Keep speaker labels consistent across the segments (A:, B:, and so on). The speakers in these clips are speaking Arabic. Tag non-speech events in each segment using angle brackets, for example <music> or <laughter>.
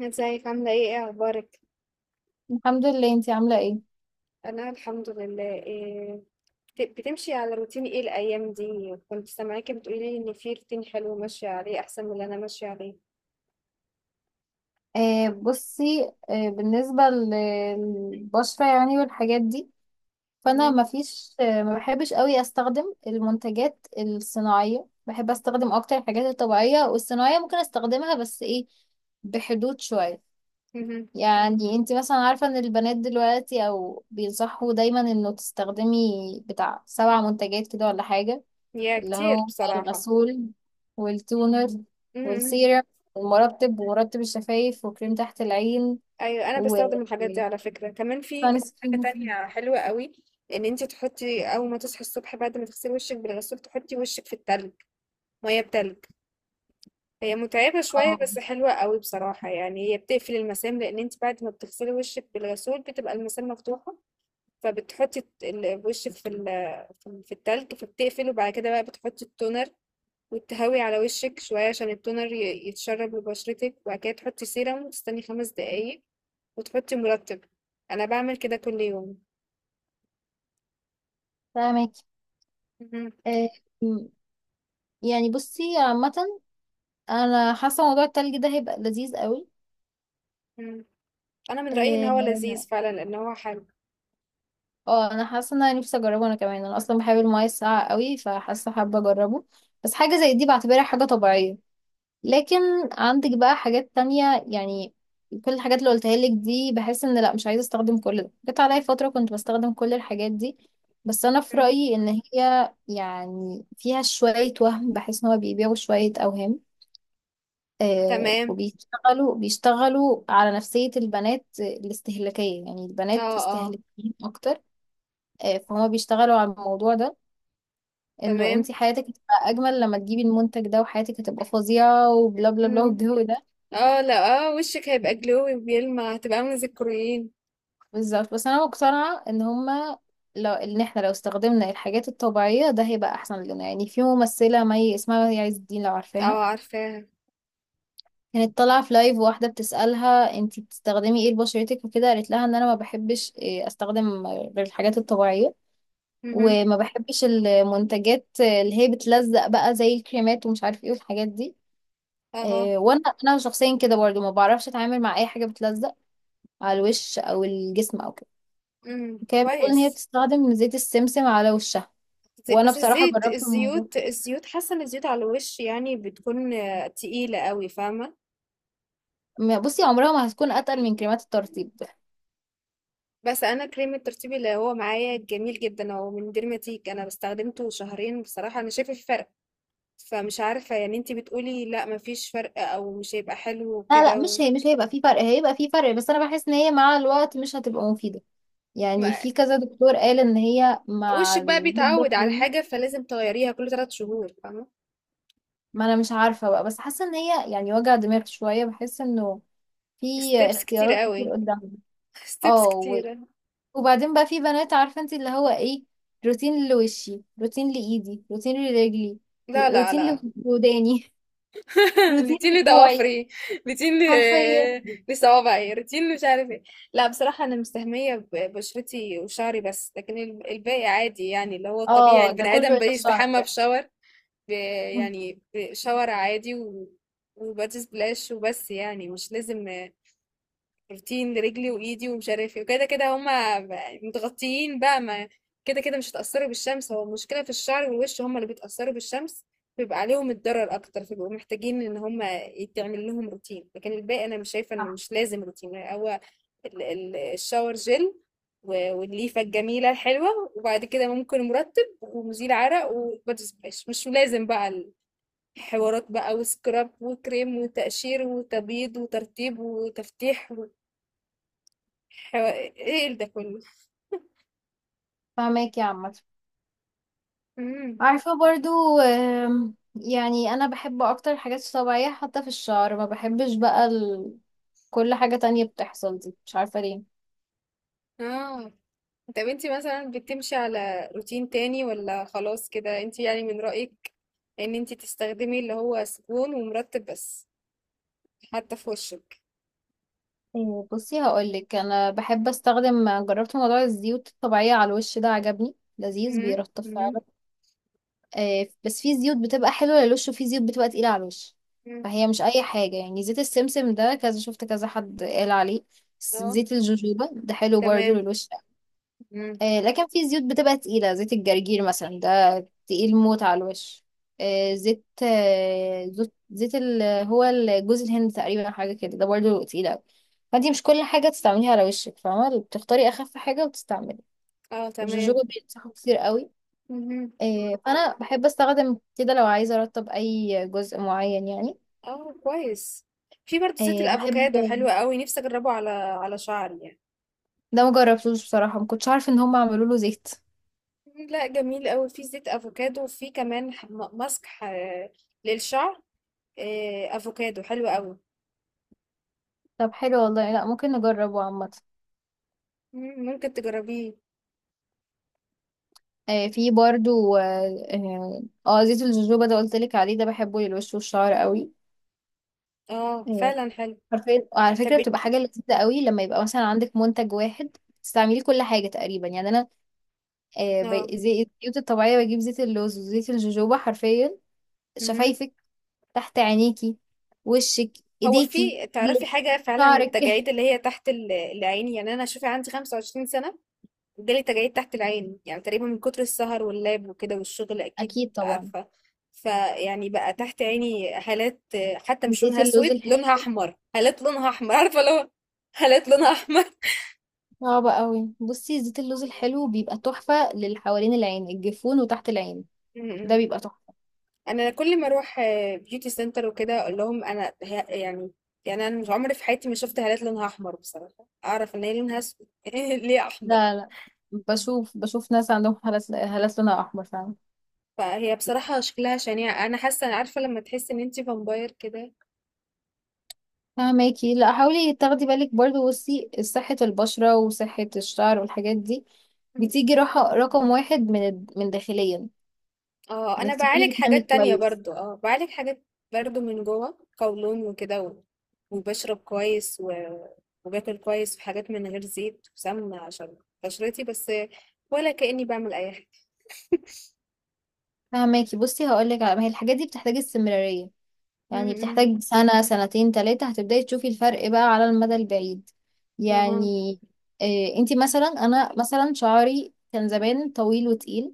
A: ازيك عاملة ايه ايه اخبارك؟
B: الحمد لله، انتي عاملة ايه؟
A: انا الحمد لله إيه. بتمشي على روتين ايه الايام دي؟ كنت سامعاكي بتقولي ان في روتين حلو ماشية عليه احسن من اللي انا ماشية عليه.
B: بصي، بالنسبة للبشرة، يعني، والحاجات دي. فانا
A: مهم.
B: مفيش، ما بحبش قوي استخدم المنتجات الصناعية. بحب استخدم اكتر الحاجات الطبيعية، والصناعية ممكن استخدمها بس ايه بحدود شوية.
A: مهم.
B: يعني انتي مثلا عارفة ان البنات دلوقتي او بينصحوا دايما انه تستخدمي بتاع 7 منتجات كده ولا حاجة.
A: يا
B: اللي
A: كتير
B: هو
A: بصراحة.
B: الغسول، والتونر،
A: مهم.
B: والسيرم، والمرطب، ومرطب الشفايف، وكريم تحت العين،
A: ايوه انا
B: و
A: بستخدم الحاجات دي على فكرة. كمان في
B: سان
A: حاجة
B: سكرين.
A: تانية حلوة قوي، ان انت تحطي اول ما تصحي الصبح بعد ما تغسلي وشك بالغسول تحطي وشك في التلج، مية بتلج. هي متعبة شوية
B: اه،
A: بس حلوة قوي بصراحة، يعني هي بتقفل المسام لأن انت بعد ما بتغسلي وشك بالغسول بتبقى المسام مفتوحة. فبتحطي وشك في التلج فبتقفل، وبعد كده بقى بتحطي التونر وتهوي على وشك شوية عشان التونر يتشرب لبشرتك، وبعد كده تحطي سيرم وتستني خمس دقايق وتحطي مرطب. أنا بعمل كده كل يوم.
B: فاهمك.
A: مهم.
B: آه، م- يعني بصي، عامة انا حاسة موضوع التلج ده هيبقى لذيذ قوي.
A: مهم. أنا من رأيي إن هو
B: اه
A: لذيذ فعلا لأن هو حلو.
B: انا حاسة ان انا نفسي اجربه انا كمان، انا اصلا بحب المياه الساقعة قوي فحاسة حابة اجربه. بس حاجة زي دي بعتبرها حاجة طبيعية، لكن عندك بقى حاجات تانية يعني. كل الحاجات اللي قلتها لك دي بحس ان، لا، مش عايزة استخدم كل ده. جت عليا فترة كنت بستخدم كل الحاجات دي، بس انا في
A: مهم.
B: رأيي ان هي يعني فيها شوية وهم، بحس ان هو بيبيعوا شوية اوهام.
A: تمام.
B: وبيشتغلوا على نفسية البنات الاستهلاكية، يعني البنات
A: اه اه.
B: استهلاكيين اكتر. فهما بيشتغلوا على الموضوع ده، انه
A: تمام.
B: انت حياتك هتبقى اجمل لما تجيبي المنتج ده، وحياتك هتبقى فظيعة، وبلا بلا بلا، والجو ده.
A: اه، لا اه، وشك هيبقى جلوي بيلمع، هتبقى عامله زي الكوريين.
B: بالظبط. بس انا مقتنعه ان هما لو ان احنا لو استخدمنا الحاجات الطبيعيه ده هيبقى احسن لنا. يعني في ممثله مي، اسمها مي عز الدين، لو عارفاها.
A: اه عارفاها.
B: كانت طالعه في لايف واحده بتسالها انتي بتستخدمي ايه لبشرتك وكده، قالت لها ان انا ما بحبش، استخدم غير الحاجات الطبيعيه.
A: اها.
B: وما بحبش المنتجات اللي هي بتلزق بقى، زي الكريمات، ومش عارف ايه، والحاجات دي.
A: اه.
B: وانا شخصيا كده برضو ما بعرفش اتعامل مع اي حاجه بتلزق على الوش او الجسم او كده.
A: امم،
B: كانت بتقول ان هي
A: كويس.
B: بتستخدم زيت السمسم على وشها، وانا
A: بس
B: بصراحه
A: الزيت
B: جربت الموضوع.
A: الزيوت الزيوت حاسه ان الزيوت على الوش يعني بتكون تقيله قوي، فاهمه.
B: بصي، عمرها ما هتكون اتقل من كريمات الترطيب.
A: بس انا كريم الترطيب اللي هو معايا جميل جدا، هو من ديرماتيك، انا استخدمته شهرين بصراحه انا شايفه في فرق. فمش عارفه يعني انتي بتقولي لا مفيش فرق او مش هيبقى حلو
B: لا، لا،
A: وكده
B: مش،
A: و...
B: هي مش هيبقى في فرق، هيبقى في فرق، بس انا بحس ان هي مع الوقت مش هتبقى مفيده. يعني
A: ما-
B: في كذا دكتور قال ان هي مع
A: وشك بقى
B: المده
A: بيتعود على
B: الطويله.
A: حاجه فلازم تغيريها كل ثلاث شهور، فاهمه.
B: ما انا مش عارفه بقى، بس حاسه ان هي يعني وجع دماغ شويه. بحس انه في
A: ستيبس كتير
B: اختيارات كتير
A: قوي.
B: قدامنا. اه
A: ستيبس
B: و-
A: كتيرة.
B: وبعدين بقى في بنات، عارفه انت، اللي هو ايه؟ روتين لوشي، روتين لايدي، روتين لرجلي،
A: لا لا
B: روتين
A: لا.
B: لوداني، <laughs>
A: <laughs>
B: روتين
A: روتين
B: لكوعي،
A: لضوافري.
B: حرفيا.
A: <laughs> لصوابعي، روتين مش عارف ايه. لا بصراحة أنا مستهمية ببشرتي وشعري بس، لكن الباقي عادي يعني اللي هو الطبيعي،
B: اه، ده
A: البني
B: كله
A: آدم
B: يتشعر
A: بيستحمى
B: يعني.
A: بشاور. ب-
B: مم.
A: يعني بشاور عادي و... وبادي سبلاش وبس، يعني مش لازم بروتين لرجلي وايدي ومش عارف ايه وكده. كده هما متغطيين بقى، ما كده كده مش هتأثروا بالشمس. هو المشكلة في الشعر والوش، هما اللي بيتأثروا بالشمس بيبقى عليهم الضرر اكتر، فبيبقوا محتاجين ان هما يتعمل لهم روتين. لكن الباقي انا مش شايفة انه
B: صح.
A: مش لازم روتين. هو الشاور جل والليفة الجميلة الحلوة، وبعد كده ممكن مرطب ومزيل عرق وبادي سبلاش، مش لازم بقى حوارات بقى وسكراب وكريم وتقشير وتبييض وترطيب وتفتيح. حو... ايه ده كله؟
B: فاهمك يا عمت.
A: امم.
B: عارفة برضو، يعني أنا بحب أكتر الحاجات الطبيعية، حتى في الشعر ما بحبش بقى كل حاجة تانية بتحصل دي، مش عارفة ليه.
A: اه، طب انتي مثلا بتمشي على روتين تاني ولا خلاص كده؟ انتي يعني من رأيك ان انتي تستخدمي اللي هو سكون ومرطب بس، حتى في وشك.
B: بصي هقولك، أنا بحب أستخدم، جربت موضوع الزيوت الطبيعية على الوش، ده عجبني، لذيذ، بيرطب
A: امم.
B: فعلا. بس في زيوت بتبقى حلوة للوش، وفي زيوت بتبقى تقيلة على الوش.
A: أمم.
B: فهي مش أي حاجة، يعني زيت السمسم ده كذا شفت كذا حد قال عليه.
A: اه
B: زيت الجوجوبا ده حلو برضو
A: تمام.
B: للوش.
A: امم.
B: لكن في زيوت بتبقى تقيلة، زيت الجرجير مثلا ده تقيل موت على الوش. زيت هو جوز الهند تقريبا، حاجة كده، ده برضه تقيل أوي. فانتي مش كل حاجة تستعمليها على وشك، فاهمة؟ بتختاري أخف حاجة وتستعملي.
A: اه
B: الجوجوبا
A: تمام.
B: بينصحوا كتير قوي.
A: امم.
B: فأنا بحب أستخدم كده لو عايزة أرطب أي جزء معين يعني.
A: اه كويس. في برضه زيت
B: بحب.
A: الافوكادو حلو قوي، نفسي اجربه على على شعري يعني.
B: ده مجربتوش بصراحة، مكنتش عارفة إن هم عملوا له زيت.
A: مم، لا جميل قوي في زيت افوكادو، وفي كمان ماسك للشعر، آه، افوكادو حلو قوي.
B: طب حلو والله، لا ممكن نجربه عامة.
A: مم، ممكن تجربيه.
B: في برضو زيت الجوجوبا ده قلت لك عليه، ده بحبه للوش والشعر قوي.
A: اه
B: آه،
A: فعلا حلو.
B: حرفيا، وعلى
A: طب
B: فكرة، بتبقى
A: بت-
B: حاجة لذيذة قوي لما يبقى مثلا عندك منتج واحد تستعملي كل حاجة تقريبا. يعني أنا،
A: اه.
B: الزيوت الطبيعية، بجيب زيت اللوز وزيت الجوجوبا حرفيا.
A: مهم.
B: شفايفك، تحت عينيكي، وشك،
A: هو
B: ايديكي،
A: في تعرفي
B: رجلك،
A: حاجة فعلا
B: شعرك.
A: للتجاعيد
B: <laughs>
A: اللي هي تحت العين؟ يعني أنا شوفي عندي 25 سنة وجالي تجاعيد تحت العين، يعني تقريبا من كتر السهر واللاب وكده والشغل أكيد
B: أكيد طبعا.
A: عارفة. فيعني بقى تحت عيني هالات، حتى مش
B: زيت
A: لونها
B: اللوز
A: أسود، لونها
B: الحلو.
A: أحمر، هالات لونها أحمر، عارفة؟ لو هالات لونها أحمر.
B: صعب قوي. بصي زيت اللوز الحلو بيبقى تحفة للي حوالين العين، الجفون وتحت العين. ده بيبقى
A: <laughs>
B: تحفة.
A: انا كل ما اروح بيوتي سنتر وكده اقول لهم انا يعني، يعني انا مش عمري في حياتي ما شفت هالات لونها احمر بصراحه، اعرف ان هي لونها اسود. <laughs> ليه احمر؟
B: لا، لا، بشوف ناس عندهم هالات لونها احمر فعلا.
A: فهي بصراحه شكلها شنيع، انا حاسه، عارفه لما تحس ان انتي فامباير كده.
B: فهماكي. لا، حاولي تاخدي بالك برضو، بصي، صحة البشرة وصحة الشعر والحاجات دي بتيجي راحة رقم واحد من من داخليا،
A: اه انا
B: انك تكوني
A: بعالج
B: بتنامي
A: حاجات تانية
B: كويس.
A: برضو، اه بعالج حاجات برضو من جوه، قولون وكده وبشرب كويس و... وباكل كويس في حاجات من غير زيت وسمنه عشان بشرتي بس، ولا كأني بعمل اي حاجه.
B: فهماكي، بصي هقولك. على ما هي الحاجات دي بتحتاج استمرارية، يعني
A: م.
B: بتحتاج سنة سنتين تلاتة هتبدأي تشوفي الفرق بقى على المدى البعيد
A: اها.
B: يعني. إيه، انتي مثلا، انا مثلا شعري كان زمان طويل وتقيل.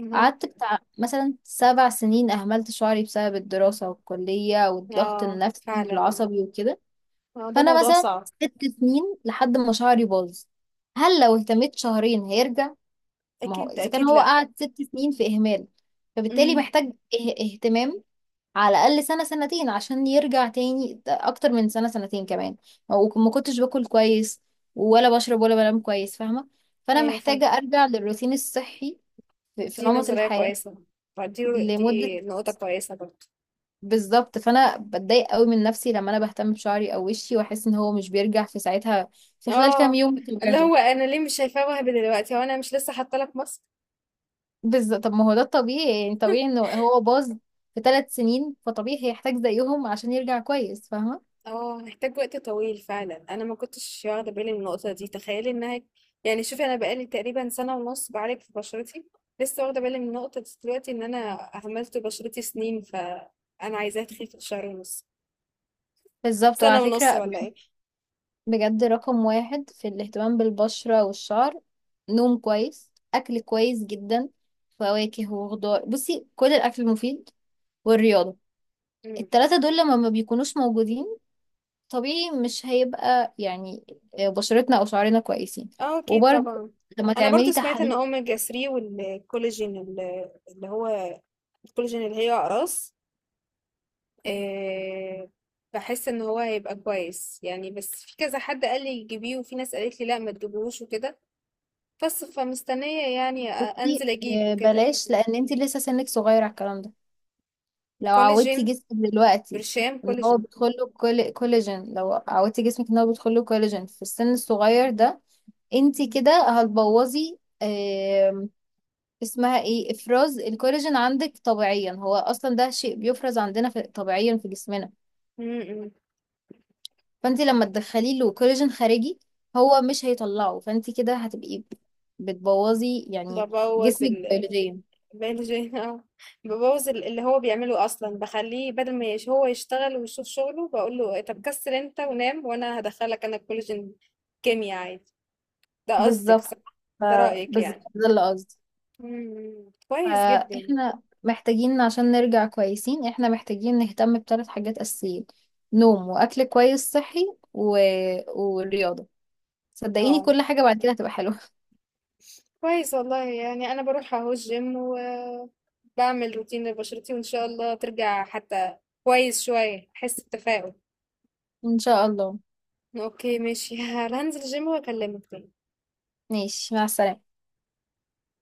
A: اها.
B: قعدت بتاع مثلا 7 سنين أهملت شعري بسبب الدراسة والكلية والضغط
A: آه
B: النفسي
A: فعلا.
B: والعصبي وكده.
A: آه، ده
B: فأنا
A: موضوع
B: مثلا
A: صعب.
B: 6 سنين لحد ما شعري باظ. هل لو اهتميت شهرين هيرجع؟ ما هو
A: أكيد
B: إذا كان
A: أكيد.
B: هو
A: لأ.
B: قعد 6 سنين في إهمال، فبالتالي
A: امم.
B: محتاج اهتمام على الأقل سنة سنتين عشان يرجع تاني، أكتر من سنة سنتين كمان. وما كنتش باكل كويس، ولا بشرب، ولا بنام كويس، فاهمة؟ فأنا
A: أيوة فاهمة.
B: محتاجة أرجع للروتين الصحي في
A: دي
B: نمط
A: نظرية
B: الحياة
A: كويسة.
B: لمدة.
A: دي نقطة كويسة برضه.
B: بالظبط. فانا بتضايق قوي من نفسي لما انا بهتم بشعري او وشي واحس ان هو مش بيرجع في ساعتها، في خلال كام
A: اه،
B: يوم
A: اللي
B: بطبيعته.
A: هو أنا ليه مش شايفاه وهبي دلوقتي؟ هو أنا مش لسه حاطة لك مصر.
B: بالظبط. طب ما هو ده الطبيعي، يعني طبيعي انه هو باظ في 3 سنين، فطبيعي هيحتاج زيهم عشان يرجع كويس، فاهمة؟
A: اه هحتاج وقت طويل فعلا، أنا ما كنتش واخدة بالي من النقطة دي، تخيلي إنها يعني. شوفي أنا بقالي تقريبا سنة ونص بعالج في بشرتي، لسه واخدة بالي من النقطة دي دلوقتي، إن أنا عملت بشرتي سنين فأنا عايزاها تخيف في شهر ونص؟
B: بالظبط.
A: سنة
B: وعلى
A: ونص
B: فكرة
A: ولا
B: بجد،
A: إيه؟
B: بجد رقم واحد في الاهتمام بالبشرة والشعر. نوم كويس، أكل كويس جدا، فواكه وخضار، بصي كل الأكل المفيد، والرياضة.
A: مم.
B: التلاتة دول لما ما بيكونوش موجودين، طبيعي مش هيبقى يعني، بشرتنا او شعرنا كويسين.
A: اه اكيد
B: وبرده
A: طبعا.
B: لما
A: انا برضو
B: تعملي
A: سمعت ان
B: تحاليل.
A: اوميجا 3 والكولاجين اللي هو الكولاجين اللي هي اقراص، آه، بحس ان هو هيبقى كويس يعني، بس في كذا حد قال لي جيبيه وفي ناس قالت لي لا ما تجيبهوش وكده. بس فمستنية يعني انزل اجيب وكده.
B: بلاش، لان انت لسه سنك صغير على الكلام ده. لو
A: كولاجين،
B: عودتي جسمك دلوقتي
A: برشام
B: ان هو
A: كولاجين.
B: بيدخله كل كولاجين، لو عودتي جسمك ان هو بيدخله كولاجين في السن الصغير ده، انت كده هتبوظي. اسمها ايه، افراز الكولاجين عندك طبيعيا، هو اصلا ده شيء بيفرز عندنا في طبيعيا في جسمنا.
A: م- م.
B: فانت لما تدخلي له كولاجين خارجي، هو مش هيطلعه، فانت كده هتبقي بتبوظي يعني
A: ببوظ.
B: جسمك بيولوجيا.
A: بلجي <laughs> اه. ببوظ اللي هو بيعمله اصلا، بخليه بدل ما هو يشتغل ويشوف شغله بقول له إيه، طب كسر انت ونام وانا هدخلك انا كولاجين. كيمياء عادي. ده قصدك
B: بالظبط.
A: صح؟
B: ف-
A: ده رأيك
B: بالظبط
A: يعني.
B: ده اللي قصدي.
A: مم. كويس جدا.
B: فاحنا محتاجين عشان نرجع كويسين، احنا محتاجين نهتم بثلاث حاجات اساسيين: نوم، واكل كويس صحي، و... ورياضة. صدقيني
A: اه
B: كل حاجة بعد كده هتبقى حلوة.
A: كويس والله، يعني انا بروح اهو الجيم وبعمل روتين لبشرتي، وان شاء الله ترجع حتى كويس شوية، احس بتفاؤل.
B: <laughs> ان شاء الله.
A: اوكي ماشي. <laughs> هنزل الجيم واكلمك تاني.
B: ماشي، مع السلامة.